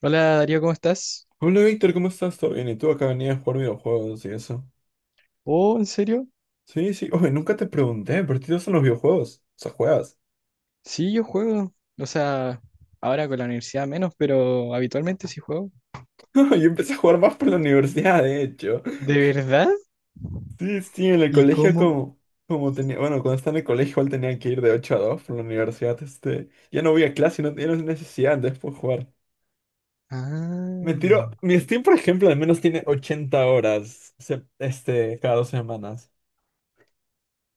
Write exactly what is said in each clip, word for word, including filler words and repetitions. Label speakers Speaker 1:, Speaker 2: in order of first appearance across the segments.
Speaker 1: Hola Darío, ¿cómo estás?
Speaker 2: Hola Víctor, ¿cómo estás? ¿Todo bien? ¿Y tú acá venías a jugar videojuegos y eso?
Speaker 1: Oh, ¿en serio?
Speaker 2: Sí, sí. Oye, nunca te pregunté, pero ¿qué te gustan los videojuegos? O sea, juegas.
Speaker 1: Sí, yo juego. O sea, ahora con la universidad menos, pero habitualmente sí juego.
Speaker 2: Yo empecé a jugar más por la universidad, de hecho.
Speaker 1: ¿De verdad?
Speaker 2: Sí, sí, en el
Speaker 1: ¿Y Sí,
Speaker 2: colegio
Speaker 1: cómo? Tú.
Speaker 2: como, como tenía, bueno, cuando estaba en el colegio igual tenía que ir de ocho a dos por la universidad, este, ya no voy a clase, no tenía necesidad de después jugar. Me tiro,
Speaker 1: Ah,
Speaker 2: mi Steam, por ejemplo, al menos tiene ochenta horas, se- este, cada dos semanas.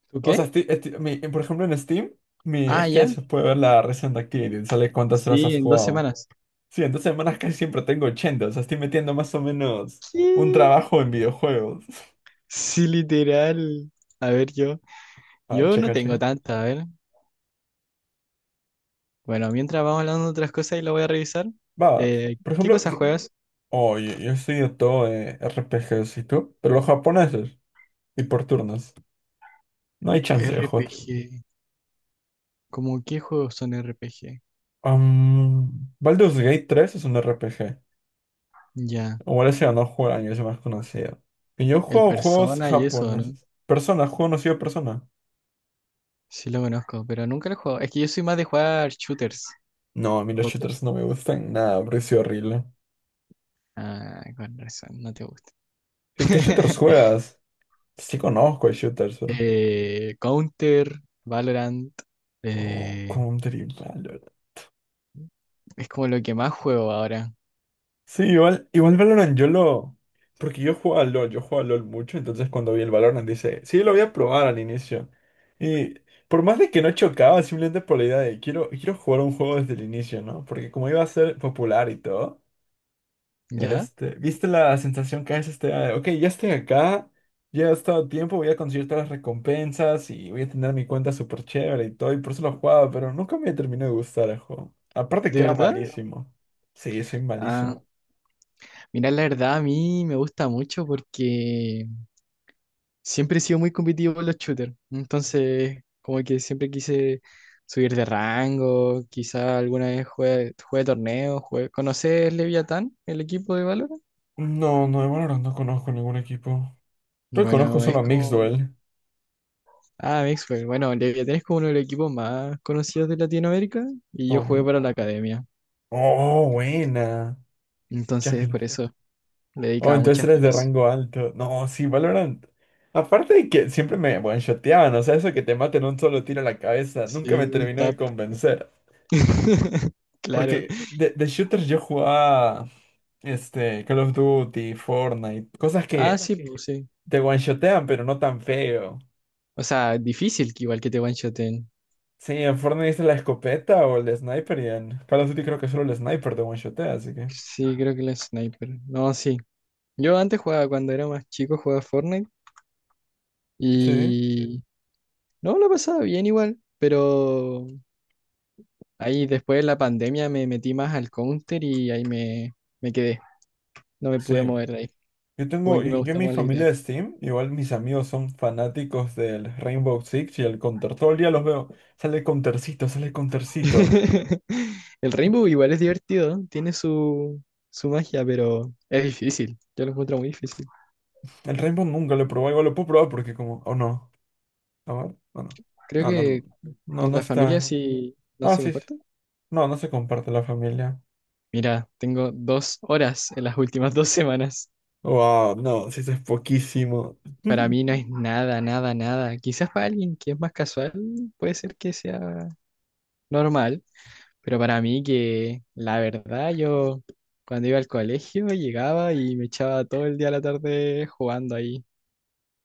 Speaker 1: ¿tú
Speaker 2: O
Speaker 1: qué?
Speaker 2: sea, esti- esti- mi- eh, por ejemplo, en Steam, mi,
Speaker 1: Ah,
Speaker 2: es que
Speaker 1: ya.
Speaker 2: se puede ver la Recent Activity, sale cuántas horas
Speaker 1: Sí,
Speaker 2: has
Speaker 1: en dos
Speaker 2: jugado.
Speaker 1: semanas.
Speaker 2: Sí, en dos semanas casi siempre tengo ochenta, o sea, estoy metiendo más o menos un
Speaker 1: ¿Qué?
Speaker 2: trabajo en videojuegos.
Speaker 1: Sí, literal. A ver, yo.
Speaker 2: Ah,
Speaker 1: Yo no
Speaker 2: checa,
Speaker 1: tengo
Speaker 2: checa.
Speaker 1: tanta, a ver. Bueno, mientras vamos hablando de otras cosas y lo voy a revisar.
Speaker 2: Va, va.
Speaker 1: Eh,
Speaker 2: Por
Speaker 1: ¿qué
Speaker 2: ejemplo,
Speaker 1: cosas
Speaker 2: que-
Speaker 1: juegas?
Speaker 2: oh, yo, yo estoy todo eh, R P Gs y tú, pero los japoneses y por turnos. No hay chance de jugar.
Speaker 1: R P G. ¿Cómo qué juegos son R P G?
Speaker 2: Um, Baldur's Gate tres es un R P G.
Speaker 1: Ya.
Speaker 2: Igual ese ganó juego del año, es el más conocido. Y yo
Speaker 1: El
Speaker 2: juego juegos
Speaker 1: Persona y eso, ¿no?
Speaker 2: japoneses. Persona, juego conocido de Persona.
Speaker 1: Sí lo conozco, pero nunca lo juego. Es que yo soy más de jugar shooters.
Speaker 2: No, a mí los
Speaker 1: Ok.
Speaker 2: shooters no me gustan nada, porque soy horrible.
Speaker 1: Ah, con razón, no te gusta.
Speaker 2: ¿Qué, qué shooters juegas? Sí, conozco de shooters, pero.
Speaker 1: Eh, Counter, Valorant.
Speaker 2: Oh,
Speaker 1: eh,
Speaker 2: Counter y Valorant.
Speaker 1: es como lo que más juego ahora.
Speaker 2: Sí, igual, igual Valorant yo lo. Porque yo juego a LoL, yo juego a LoL mucho, entonces cuando vi el Valorant dice, sí, lo voy a probar al inicio. Y por más de que no chocaba, simplemente por la idea de, quiero, quiero jugar un juego desde el inicio, ¿no? Porque como iba a ser popular y todo.
Speaker 1: ¿Ya?
Speaker 2: Este, ¿viste la sensación que es este? Ah, ok, ya estoy acá, ya he estado tiempo, voy a conseguir todas las recompensas y voy a tener mi cuenta súper chévere y todo, y por eso lo jugaba, pero nunca me terminó de gustar el juego. Aparte
Speaker 1: ¿De
Speaker 2: que era
Speaker 1: verdad?
Speaker 2: malísimo. Sí, soy
Speaker 1: Ah,
Speaker 2: malísimo.
Speaker 1: mira, la verdad a mí me gusta mucho porque siempre he sido muy competitivo con los shooters. Entonces, como que siempre quise subir de rango, quizá alguna vez juegue, juegue torneos, juegue... ¿Conoces Leviatán, el equipo de valor.
Speaker 2: No, no, de Valorant no conozco ningún equipo. Creo que conozco
Speaker 1: Bueno, es
Speaker 2: solo a Mixed
Speaker 1: como...
Speaker 2: Duel.
Speaker 1: Ah, Mixwell. Bueno, Leviatán es como uno de los equipos más conocidos de Latinoamérica y yo jugué
Speaker 2: Ok.
Speaker 1: para la academia.
Speaker 2: Oh, buena.
Speaker 1: Entonces, por
Speaker 2: Jacqueline.
Speaker 1: eso le
Speaker 2: Oh,
Speaker 1: dedicaba
Speaker 2: entonces
Speaker 1: muchas
Speaker 2: eres de
Speaker 1: horas.
Speaker 2: rango alto. No, sí, Valorant. Aparte de que siempre me one-shoteaban, o sea, eso que te maten un solo tiro a la cabeza, nunca
Speaker 1: Sí,
Speaker 2: me
Speaker 1: un
Speaker 2: terminó de
Speaker 1: tap.
Speaker 2: convencer. Porque
Speaker 1: Claro.
Speaker 2: de, de shooters yo jugaba este, Call of Duty, Fortnite, cosas
Speaker 1: Ah,
Speaker 2: que
Speaker 1: sí, pues sí.
Speaker 2: te one-shotean, pero no tan feo.
Speaker 1: O sea, difícil que igual que te one-shoten.
Speaker 2: Sí, en Fortnite es la escopeta o el sniper, y en Call of Duty creo que solo el sniper te one-shotea, así que.
Speaker 1: Sí, creo que la sniper. No, sí. Yo antes jugaba, cuando era más chico, jugaba Fortnite
Speaker 2: Sí,
Speaker 1: y... No, lo pasaba bien igual, pero ahí después de la pandemia me metí más al Counter y ahí me, me quedé. No me pude
Speaker 2: sí.
Speaker 1: mover de ahí.
Speaker 2: Yo
Speaker 1: Como
Speaker 2: tengo,
Speaker 1: que me
Speaker 2: y yo en
Speaker 1: gusta
Speaker 2: mi
Speaker 1: más la
Speaker 2: familia
Speaker 1: idea.
Speaker 2: de Steam, igual mis amigos son fanáticos del Rainbow Six y el Counter. Todo el día los veo. Sale Countercito, sale Countercito.
Speaker 1: El Rainbow igual es divertido, ¿no? Tiene su, su magia, pero es difícil. Yo lo encuentro muy difícil.
Speaker 2: El Rainbow nunca lo he probado, igual lo puedo probar porque como, oh no. A ver, no, no.
Speaker 1: Creo
Speaker 2: No, no,
Speaker 1: que
Speaker 2: no,
Speaker 1: en
Speaker 2: no
Speaker 1: la familia
Speaker 2: está.
Speaker 1: sí no
Speaker 2: Ah,
Speaker 1: se
Speaker 2: sí, sí.
Speaker 1: comparte.
Speaker 2: No, no se comparte la familia.
Speaker 1: Mira, tengo dos horas en las últimas dos semanas.
Speaker 2: Wow, no, sí, eso es poquísimo.
Speaker 1: Para mí no es nada, nada, nada. Quizás para alguien que es más casual puede ser que sea normal, pero para mí que la verdad yo cuando iba al colegio llegaba y me echaba todo el día a la tarde jugando ahí.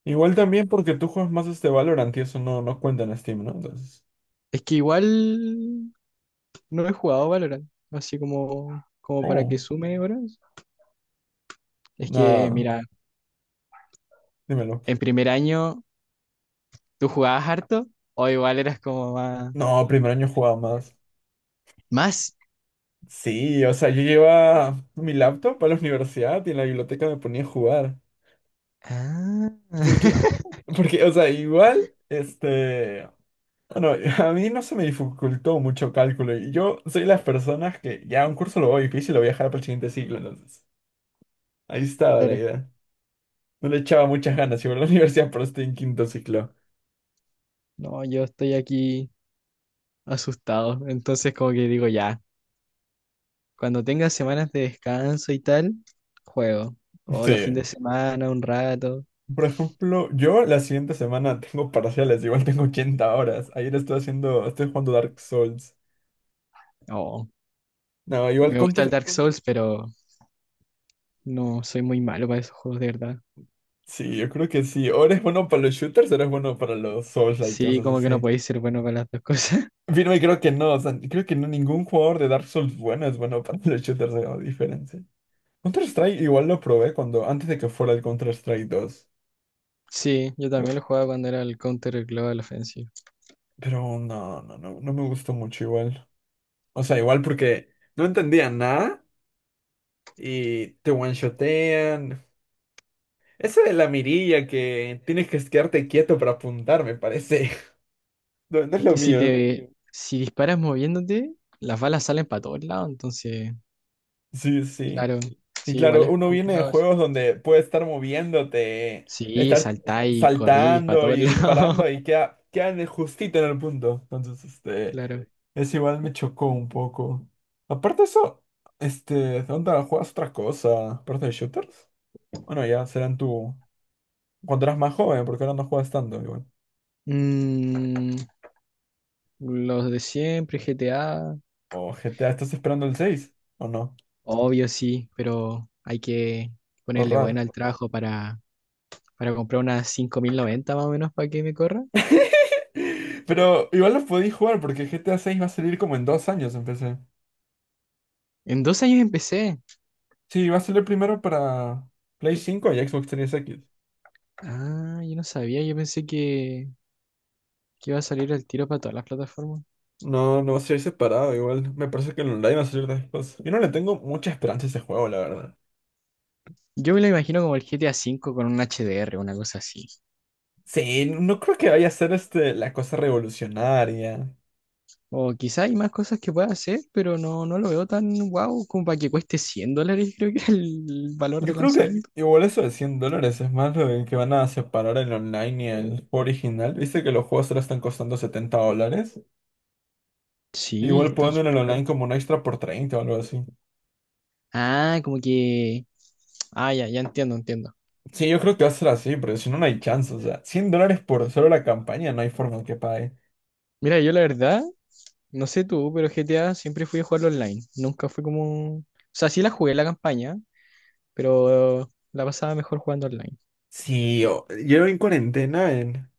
Speaker 2: Igual también porque tú juegas más este Valorant y eso no, no cuenta en Steam, ¿no? Entonces.
Speaker 1: Es que igual no he jugado Valorant, así como, como para que
Speaker 2: Oh,
Speaker 1: sume horas. Es que,
Speaker 2: nada,
Speaker 1: mira,
Speaker 2: dímelo.
Speaker 1: en primer año tú jugabas harto o igual eras como más...
Speaker 2: No, primer año jugaba más.
Speaker 1: ¿Más?
Speaker 2: Sí, o sea, yo llevaba mi laptop a la universidad y en la biblioteca me ponía a jugar.
Speaker 1: Ah.
Speaker 2: Porque, porque, o sea, igual, este, bueno, a mí no se me dificultó mucho cálculo. Y yo soy de las personas que ya un curso lo voy difícil, lo voy a dejar para el siguiente ciclo, entonces. Ahí estaba la
Speaker 1: Claro.
Speaker 2: idea. No le echaba muchas
Speaker 1: No,
Speaker 2: ganas, iba a la universidad, pero estoy en quinto ciclo.
Speaker 1: no, yo estoy aquí asustado, entonces como que digo ya, cuando tenga semanas de descanso y tal, juego. O los fines
Speaker 2: Sí.
Speaker 1: de semana, un rato.
Speaker 2: Por ejemplo, yo la siguiente semana tengo parciales, igual tengo ochenta horas. Ayer estoy haciendo, estoy jugando Dark Souls.
Speaker 1: Oh,
Speaker 2: No, igual
Speaker 1: me gusta el
Speaker 2: counter.
Speaker 1: Dark Souls, pero no soy muy malo para esos juegos de verdad.
Speaker 2: Sí, yo creo que sí. O eres bueno para los shooters o eres bueno para los Souls-like,
Speaker 1: Sí,
Speaker 2: cosas
Speaker 1: como que no
Speaker 2: así.
Speaker 1: podéis ser bueno con las dos cosas.
Speaker 2: Firme, creo que no. O sea, creo que no, ningún jugador de Dark Souls bueno es bueno para los shooters, hagamos diferencia. Counter-Strike igual lo probé cuando, antes de que fuera el Counter-Strike dos.
Speaker 1: Sí, yo
Speaker 2: Pero
Speaker 1: también lo jugaba cuando era el Counter Global Offensive.
Speaker 2: pero no, no, no, no me gustó mucho igual. O sea, igual porque no entendía nada y te one-shotean. Eso de la mirilla que tienes que quedarte quieto para apuntar, me parece. No, no es
Speaker 1: Es
Speaker 2: lo
Speaker 1: que si
Speaker 2: mío.
Speaker 1: te, si disparas moviéndote, las balas salen para todos lados, entonces,
Speaker 2: Sí, sí.
Speaker 1: claro,
Speaker 2: Y
Speaker 1: sí, igual
Speaker 2: claro,
Speaker 1: es
Speaker 2: uno viene de
Speaker 1: complicado eso.
Speaker 2: juegos donde puede estar moviéndote,
Speaker 1: Sí,
Speaker 2: estar
Speaker 1: saltáis, corrís para
Speaker 2: saltando
Speaker 1: todos
Speaker 2: y
Speaker 1: lados,
Speaker 2: disparando y queda, queda en el- justito en el punto. Entonces, este,
Speaker 1: claro.
Speaker 2: es igual me chocó un poco. Aparte de eso, este, ¿dónde juegas otra cosa? ¿Aparte de shooters? Bueno, ya serán tu. Cuando eras más joven, porque ahora no juegas tanto igual.
Speaker 1: Mm, los de siempre, G T A,
Speaker 2: O G T A, ¿estás esperando el seis? ¿O no?
Speaker 1: obvio sí, pero hay que
Speaker 2: O
Speaker 1: ponerle
Speaker 2: raro.
Speaker 1: bueno al trabajo para, para comprar unas cinco mil noventa más o menos para que me corra.
Speaker 2: Pero igual lo podéis jugar porque G T A seis va a salir como en dos años, empecé.
Speaker 1: En dos años empecé.
Speaker 2: Sí, va a salir primero para Play cinco y Xbox Series X.
Speaker 1: Ah, yo no sabía, yo pensé que, que iba a salir el tiro para todas las plataformas.
Speaker 2: No, no va a ser separado igual. Me parece que el online va a salir después. Yo no le tengo mucha esperanza a ese juego, la verdad.
Speaker 1: Yo me lo imagino como el G T A V con un H D R, una cosa así.
Speaker 2: Sí, no creo que vaya a ser este, la cosa revolucionaria.
Speaker 1: O quizá hay más cosas que pueda hacer, pero no, no lo veo tan guau como para que cueste cien dólares, creo que es el valor
Speaker 2: Yo
Speaker 1: de
Speaker 2: creo que
Speaker 1: lanzamiento.
Speaker 2: igual eso de cien dólares es más lo de que van a separar el online y el original. Viste que los juegos ahora están costando setenta dólares.
Speaker 1: Sí,
Speaker 2: Igual
Speaker 1: están
Speaker 2: ponen
Speaker 1: súper
Speaker 2: el online
Speaker 1: caros.
Speaker 2: como un extra por treinta o algo así.
Speaker 1: Ah, como que... Ah, ya, ya entiendo, entiendo.
Speaker 2: Sí, yo creo que va a ser así, pero si no, no hay chance. O sea, cien dólares por solo la campaña, no hay forma que pague.
Speaker 1: Mira, yo la verdad, no sé tú, pero G T A siempre fui a jugarlo online. Nunca fue como... O sea, sí la jugué la campaña, pero la pasaba mejor jugando online.
Speaker 2: Sí, o- yo en cuarentena, en,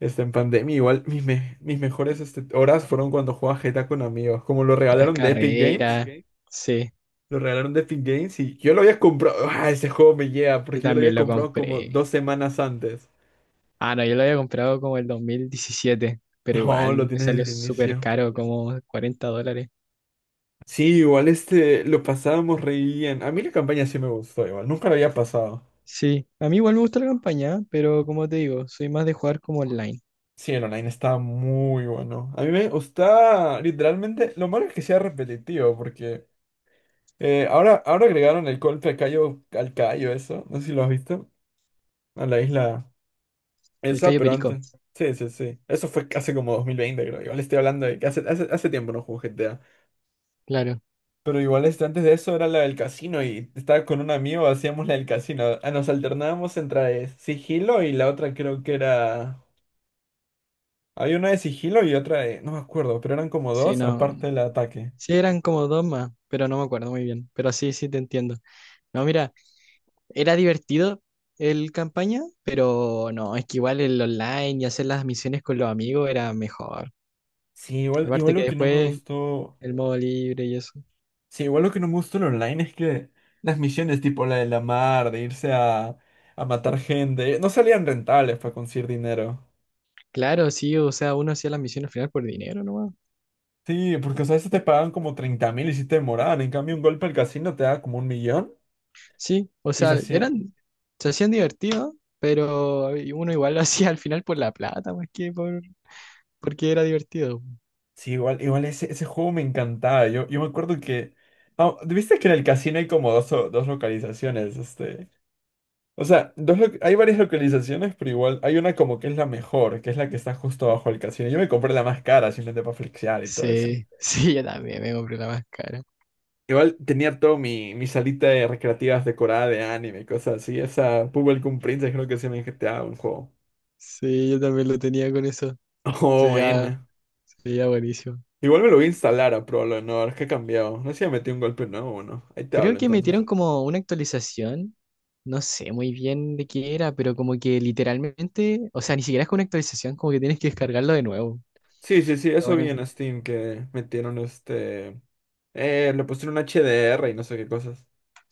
Speaker 2: este, en pandemia, igual mis, me- mis mejores este, horas fueron cuando jugaba G T A con amigos. Como lo
Speaker 1: Las por
Speaker 2: regalaron
Speaker 1: Navidad.
Speaker 2: de Epic
Speaker 1: Carreras,
Speaker 2: Games,
Speaker 1: ok. Sí,
Speaker 2: lo regalaron de Epic Games y yo lo había comprado. ¡Ah, ese juego me llega!
Speaker 1: yo
Speaker 2: Porque yo lo
Speaker 1: también
Speaker 2: había
Speaker 1: lo entonces,
Speaker 2: comprado como
Speaker 1: compré.
Speaker 2: dos semanas antes.
Speaker 1: Ah, no, yo lo había comprado como el dos mil diecisiete pero igual
Speaker 2: No, lo
Speaker 1: me
Speaker 2: tienes
Speaker 1: salió
Speaker 2: desde el
Speaker 1: entonces, súper
Speaker 2: inicio.
Speaker 1: caro, como cuarenta dólares.
Speaker 2: Sí, igual este, lo pasábamos re bien. A mí la campaña sí me gustó, igual. Nunca lo había pasado.
Speaker 1: Sí, a mí igual me gusta la campaña, pero como te digo, soy más de jugar como online.
Speaker 2: Sí, el online estaba muy bueno. A mí me gusta, literalmente, lo malo es que sea repetitivo, porque. Eh, ahora, ahora agregaron el golpe a Cayo, al Cayo, eso. No sé si lo has visto. A la isla
Speaker 1: El
Speaker 2: esa,
Speaker 1: Cayo
Speaker 2: pero
Speaker 1: Perico,
Speaker 2: antes. Sí, sí, sí. Eso fue hace como dos mil veinte, creo. Igual estoy hablando de que hace, hace, hace tiempo no juego G T A.
Speaker 1: claro.
Speaker 2: Pero igual este, antes de eso era la del casino y estaba con un amigo, hacíamos la del casino. Ah, nos alternábamos entre sigilo y la otra creo que era. Había una de sigilo y otra de. No me acuerdo, pero eran como
Speaker 1: Sí,
Speaker 2: dos
Speaker 1: no.
Speaker 2: aparte del ataque.
Speaker 1: Sí, eran como dos más, pero no me acuerdo muy bien. Pero sí, sí te entiendo. No, mira, era divertido el campaña, pero no, es que igual el online y hacer las misiones con los amigos era mejor.
Speaker 2: Sí, igual, igual
Speaker 1: Aparte que
Speaker 2: lo que no me
Speaker 1: después
Speaker 2: gustó.
Speaker 1: el modo libre y eso.
Speaker 2: Sí, igual lo que no me gusta en online es que las misiones tipo la de la mar, de irse a, a matar gente, no salían rentables para conseguir dinero.
Speaker 1: Claro, sí, o sea, uno hacía las misiones final por dinero nomás.
Speaker 2: Sí, porque o sea, a veces te pagaban como treinta mil y si te demoraban. En cambio, un golpe al casino te daba como un millón
Speaker 1: Sí, o
Speaker 2: y se
Speaker 1: sea,
Speaker 2: hacía.
Speaker 1: eran, se hacían divertido pero uno igual lo hacía al final por la plata, más que por, porque era divertido.
Speaker 2: Sí, igual, igual ese, ese juego me encantaba. Yo, yo me acuerdo que. Ah, ¿viste que en el casino hay como dos, o- dos localizaciones? Este. O sea, dos lo- hay varias localizaciones, pero igual hay una como que es la mejor, que es la que está justo abajo del casino. Yo me compré la más cara simplemente para flexear y todo eso.
Speaker 1: Sí, sí, yo también me compré la más cara.
Speaker 2: Igual tenía todo mi, mi salita de recreativas decorada de anime y cosas así. Esa Bubblegum Princess creo que se me G T A un juego.
Speaker 1: Sí, yo también lo tenía con eso. Se
Speaker 2: Oh,
Speaker 1: veía,
Speaker 2: buena.
Speaker 1: se veía buenísimo.
Speaker 2: Igual me lo voy a instalar a Pro, no no, que ha cambiado. No sé si ya metí un golpe nuevo o no. Ahí te
Speaker 1: Creo
Speaker 2: hablo
Speaker 1: que metieron
Speaker 2: entonces.
Speaker 1: como una actualización, no sé muy bien de qué era, pero como que literalmente, o sea, ni siquiera es con una actualización, como que tienes que descargarlo de nuevo.
Speaker 2: Sí, sí, sí,
Speaker 1: Pero
Speaker 2: eso vi
Speaker 1: bueno.
Speaker 2: en Steam que metieron este. Eh, le pusieron H D R y no sé qué cosas.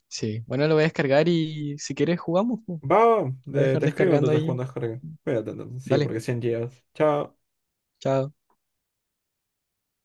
Speaker 1: Sí, bueno, lo voy a descargar y si quieres jugamos. Po.
Speaker 2: Va, va,
Speaker 1: Voy a
Speaker 2: te,
Speaker 1: dejar
Speaker 2: te escribo
Speaker 1: descargando
Speaker 2: entonces
Speaker 1: ahí.
Speaker 2: cuando descargue. Cuídate entonces. Sí,
Speaker 1: Dale,
Speaker 2: porque cien gigas. Chao.
Speaker 1: chao.